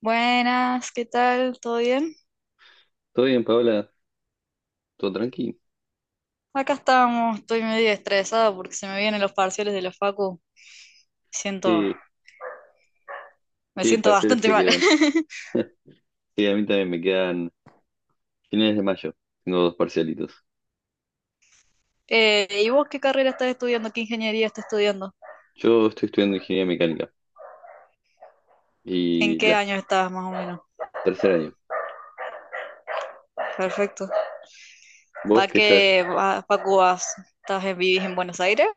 Buenas, ¿qué tal? ¿Todo bien? Todo bien, Paola, todo tranqui. Acá estamos, estoy medio estresada porque se me vienen los parciales de la facu. Siento, ¿Qué, Me qué siento parciales bastante te mal. quedan? Sí, a mí también me quedan finales de mayo. Tengo dos parcialitos. ¿Y vos qué carrera estás estudiando? ¿Qué ingeniería estás estudiando? Yo estoy estudiando ingeniería mecánica ¿En y qué la año estás más o menos? tercer año. Perfecto. ¿Va ¿Vos qué que estás? va, facu vas? ¿Estás en, vivís en Buenos Aires?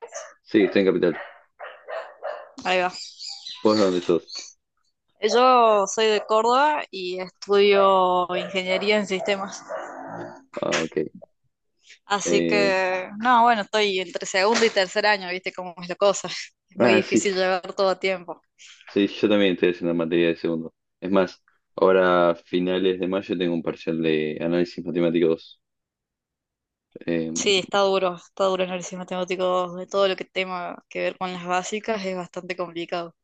Sí, estoy en Capital. Ahí va. ¿Vos de dónde sos? Yo soy de Córdoba y estudio ingeniería en sistemas. Ah, ok. Así Eh, que, no, bueno, estoy entre segundo y tercer año, ¿viste cómo es la cosa? Es muy ah, sí, difícil llevar todo a tiempo. sí, yo también estoy haciendo materia de segundo. Es más, ahora a finales de mayo tengo un parcial de análisis matemático dos. Eh, Sí, está duro el análisis matemático 2, de todo lo que tenga que ver con las básicas es bastante complicado.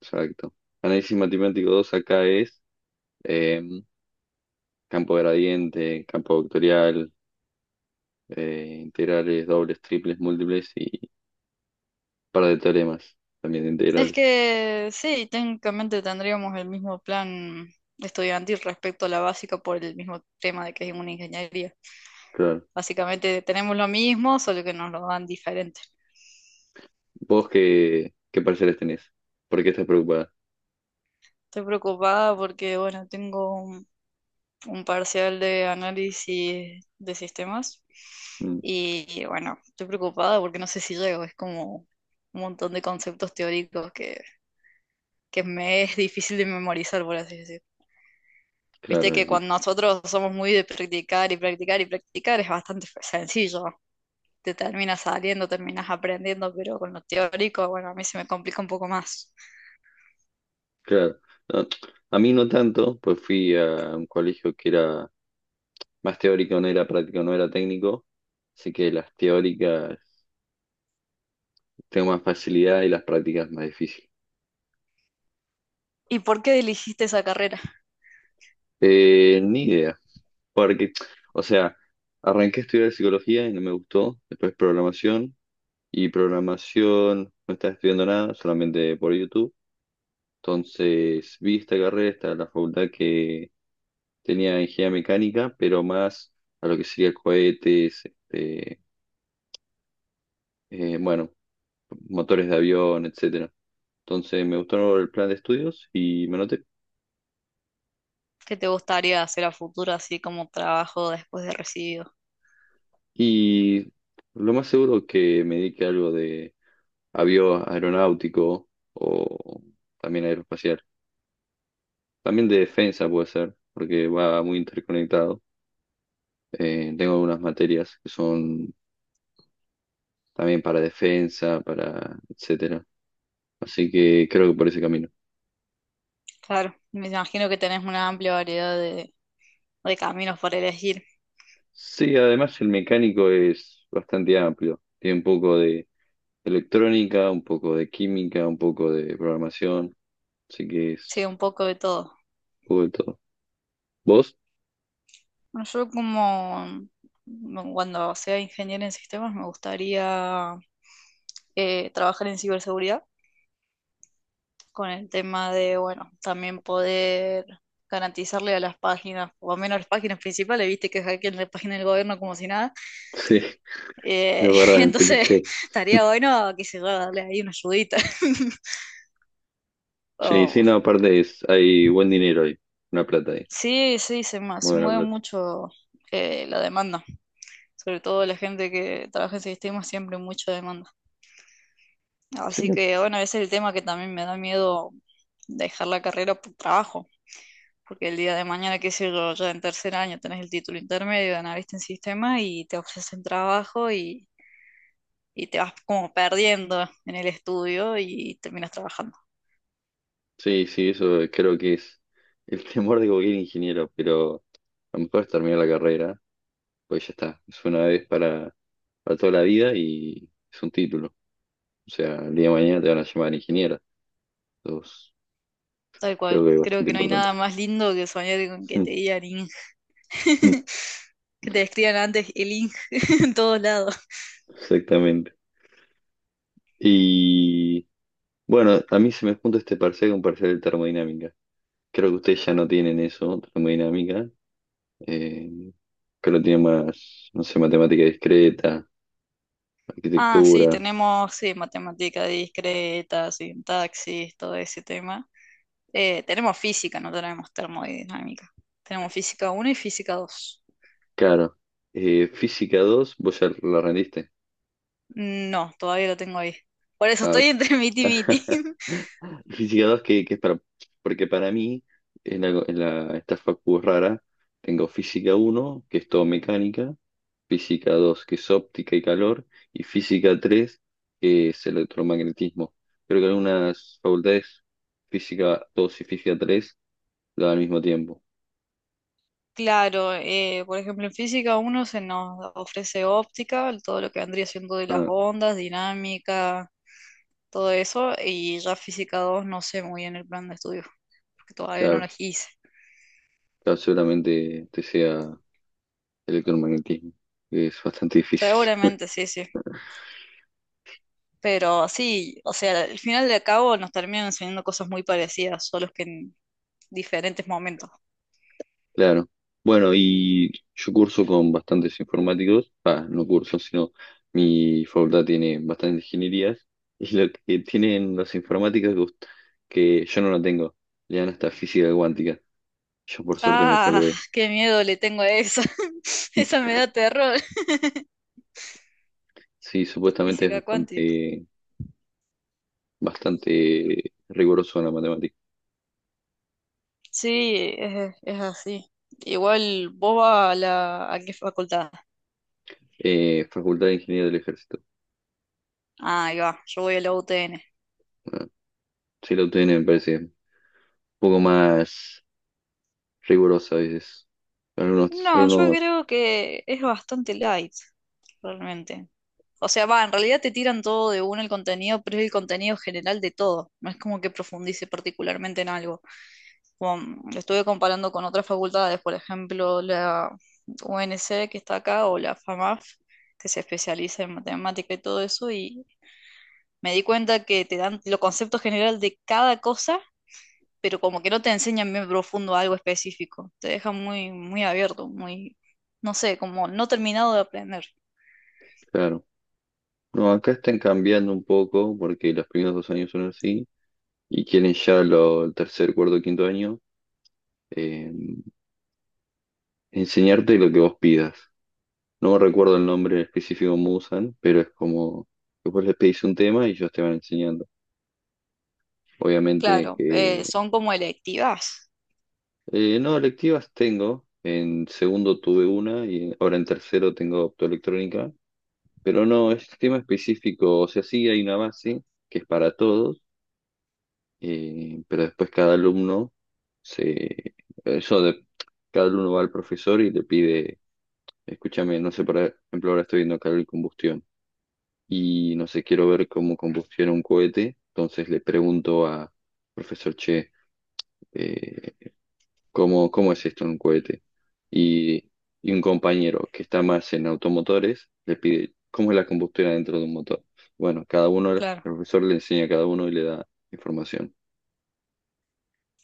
exacto. Análisis matemático 2 acá es. em, campo gradiente, campo vectorial, integrales, dobles, triples, múltiples y un par de teoremas también de Es integrales. que sí, técnicamente tendríamos el mismo plan estudiantil respecto a la básica por el mismo tema de que es una ingeniería. Claro. Básicamente tenemos lo mismo, solo que nos lo dan diferente. ¿Vos qué pareceres tenés? ¿Por qué estás preocupada? Estoy preocupada porque, bueno, tengo un parcial de análisis de sistemas. Mm, Y bueno, estoy preocupada porque no sé si llego, es como un montón de conceptos teóricos que me es difícil de memorizar, por así decir. Viste claro, que decís. cuando nosotros somos muy de practicar y practicar y practicar es bastante sencillo. Te terminas saliendo, terminas aprendiendo, pero con lo teórico, bueno, a mí se me complica un poco más. Claro. No, a mí no tanto, pues fui a un colegio que era más teórico, no era práctico, no era técnico, así que las teóricas tengo más facilidad y las prácticas más difícil. ¿Y por qué elegiste esa carrera? Ni idea. Porque, o sea, arranqué a estudiar psicología y no me gustó. Después programación. Y programación no estaba estudiando nada, solamente por YouTube. Entonces vi esta carrera, esta la facultad que tenía ingeniería mecánica, pero más a lo que sería cohetes, este, bueno, motores de avión, etcétera. Entonces me gustó el plan de estudios y me anoté. ¿Qué te gustaría hacer a futuro así como trabajo después de recibido? Y lo más seguro que me dedique a algo avio aeronáutico o también aeroespacial. También de defensa puede ser, porque va muy interconectado. Tengo algunas materias que son también para defensa, para etcétera. Así que creo que por ese camino. Claro, me imagino que tenés una amplia variedad de caminos para elegir. Sí, además el mecánico es bastante amplio. Tiene un poco de electrónica, un poco de química, un poco de programación. Así que Sí, es un poco de todo. un poco de todo. ¿Vos? Bueno, yo como cuando sea ingeniero en sistemas me gustaría trabajar en ciberseguridad con el tema de, bueno, también poder garantizarle a las páginas, por lo menos las páginas principales, viste que hackean la página del gobierno como si nada. Sí, la Eh, verdad, me entonces estaría bueno, qué sé yo, darle ahí una ayudita. Sí, sí, O no, aparte es, hay buen dinero ahí, una plata ahí, Sí, sí, muy se buena mueve plata. mucho, la demanda, sobre todo la gente que trabaja en sistemas, siempre mucha demanda. Sí, Así que bueno, ese es el tema que también me da miedo dejar la carrera por trabajo, porque el día de mañana, qué sé yo, ya en tercer año tenés el título intermedio de analista en sistemas y te ofrecen trabajo. Y te vas como perdiendo en el estudio y terminas trabajando. sí, sí, eso creo que es el temor de cualquier ingeniero, pero a lo mejor es terminar la carrera, pues ya está, es una vez para toda la vida y es un título. O sea, el día de mañana te van a llamar ingeniero, entonces Tal creo cual, que es creo bastante que no hay importante. nada más lindo que soñar con que te digan, que te escriban antes el ING en todos lados. Exactamente. Y bueno, a mí se me junta este parcial con parcial de termodinámica. Creo que ustedes ya no tienen eso, termodinámica, eh, que lo tiene más, no sé, matemática discreta, Ah, sí, arquitectura, tenemos, sí, matemática discreta, sintaxis, todo ese tema. Tenemos física, no tenemos termodinámica. Tenemos física uno y física dos. claro. Física 2 vos ya la rendiste. No, todavía lo tengo ahí. Por eso Ah, estoy entre miti y miti. Física dos que es para. Porque para mí, esta facu es rara, tengo física uno que es todo mecánica, física 2 que es óptica y calor, y física 3 que es electromagnetismo. Creo que algunas facultades, física 2 y física 3 la dan al mismo tiempo. Claro, por ejemplo, en física uno se nos ofrece óptica, todo lo que vendría siendo de las Ah, ondas, dinámica, todo eso, y ya física 2 no sé muy bien el plan de estudio, porque todavía no lo claro. hice. Claro, seguramente te sea electromagnetismo, que es bastante difícil. Seguramente, sí, sí. Pero sí, o sea, al final de cabo nos terminan enseñando cosas muy parecidas, solo que en diferentes momentos. Claro. Bueno, y yo curso con bastantes informáticos. Ah, no curso, sino mi facultad tiene bastantes ingenierías. Y lo que tienen los informáticos gust- que yo no lo tengo, le dan hasta física cuántica. Yo por suerte me Ah, salvé. qué miedo le tengo a esa. Esa me da terror. Sí, supuestamente es Física cuántica. Bastante riguroso en la matemática. Sí, es así. Igual vos vas a la, ¿a qué facultad? Facultad de Ingeniería del Ejército. Ah, ahí va, yo voy a la UTN. Ah, sí, la UTN me parece poco más riguroso a veces. Algunos, No, yo algunos, creo que es bastante light realmente. O sea, va, en realidad te tiran todo de uno el contenido, pero es el contenido general de todo. No es como que profundice particularmente en algo. Como, lo estuve comparando con otras facultades, por ejemplo, la UNC que está acá o la FAMAF, que se especializa en matemática y todo eso, y me di cuenta que te dan los conceptos general de cada cosa, pero como que no te enseñan bien profundo algo específico. Te dejan muy, muy abierto, muy, no sé, como no terminado de aprender. claro. No, acá están cambiando un poco porque los primeros dos años son así y quieren ya el tercer, cuarto, quinto año eh, enseñarte lo que vos pidas. No recuerdo el nombre específico que usan, pero es como que vos les pedís un tema y ellos te van enseñando. Obviamente Claro, que... son como electivas. No, electivas tengo. En segundo tuve una y ahora en tercero tengo optoelectrónica. Pero no, es tema específico, o sea, sí hay una base que es para todos, pero después cada alumno se... Eso de... Cada alumno va al profesor y le pide, escúchame, no sé, por ejemplo, ahora estoy viendo calor y combustión y no sé, quiero ver cómo combustiona un cohete. Entonces le pregunto a profesor Che, eh, ¿cómo es esto en un cohete? Y, y un compañero que está más en automotores le pide, ¿cómo es la combustión dentro de un motor? Bueno, cada uno, el Claro, profesor le enseña a cada uno y le da información.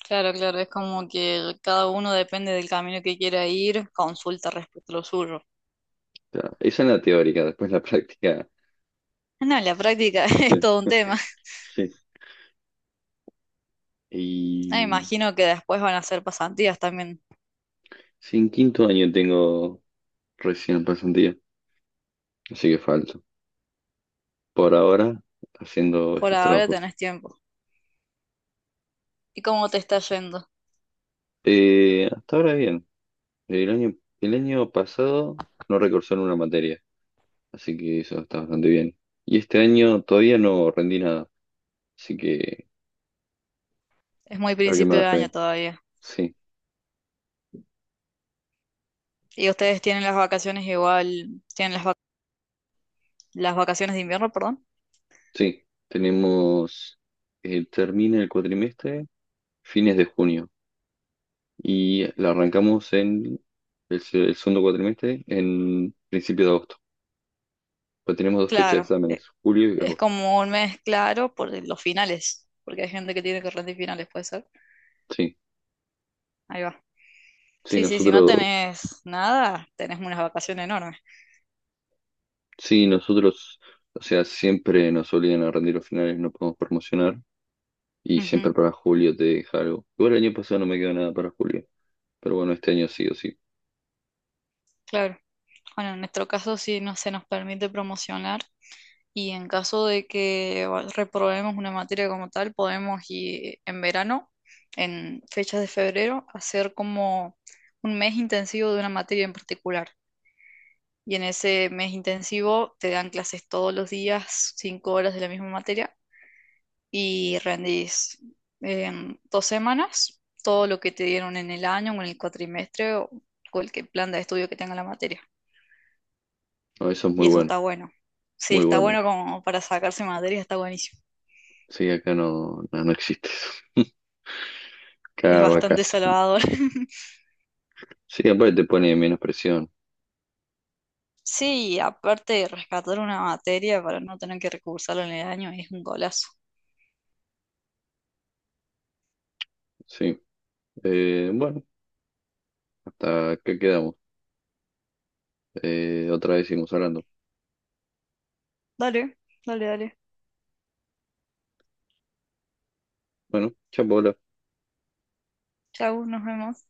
claro, claro. Es como que cada uno depende del camino que quiera ir, consulta respecto a lo suyo. O sea, esa es la teórica, después la práctica. No, en la práctica es Sí. todo un tema. Sí. Me Y imagino que después van a hacer pasantías también. sí, en quinto año tengo recién pasantía, así que falta. Por ahora haciendo Por estos ahora trabajos. tenés tiempo. ¿Y cómo te está yendo? Hasta ahora bien. El año, el año pasado no recursé en una materia, así que eso está bastante bien. Y este año todavía no rendí nada, así que Es muy espero que me principio de vaya año bien. todavía. Sí, ¿Y ustedes tienen las vacaciones igual? ¿Tienen las vacaciones de invierno, perdón? sí. Tenemos, termina el cuatrimestre fines de junio y la arrancamos en el segundo cuatrimestre en principio de agosto. Pero tenemos dos fechas de Claro, exámenes, julio y es agosto. como un mes claro por los finales, porque hay gente que tiene que rendir finales, puede ser. Sí, Ahí va. sí, Sí, sí, si no nosotros tenés nada, tenés unas vacaciones enormes. Sí, nosotros, o sea, siempre nos obligan a rendir los finales, no podemos promocionar y siempre Ujú, para julio te deja algo. Igual el año pasado no me quedó nada para julio, pero bueno, este año sí o sí. claro. Bueno, en nuestro caso sí no se nos permite promocionar y en caso de que reprobemos una materia como tal, podemos ir en verano, en fechas de febrero, hacer como un mes intensivo de una materia en particular. Y en ese mes intensivo te dan clases todos los días, 5 horas de la misma materia y rendís en 2 semanas todo lo que te dieron en el año o en el cuatrimestre o cualquier plan de estudio que tenga la materia. No, eso es muy Y eso bueno, está bueno. Sí, muy está bueno. bueno como para sacarse materia, está buenísimo. Sí, acá no, no, no existe eso. Es Cada bastante vacación. salvador. Sí, aparte te pone menos presión. Sí, aparte rescatar una materia para no tener que recursarlo en el año, es un golazo. Sí. Bueno, hasta que quedamos. Otra vez seguimos hablando. Dale, dale, dale. Bueno, chao, Paola. Chau, nos vemos.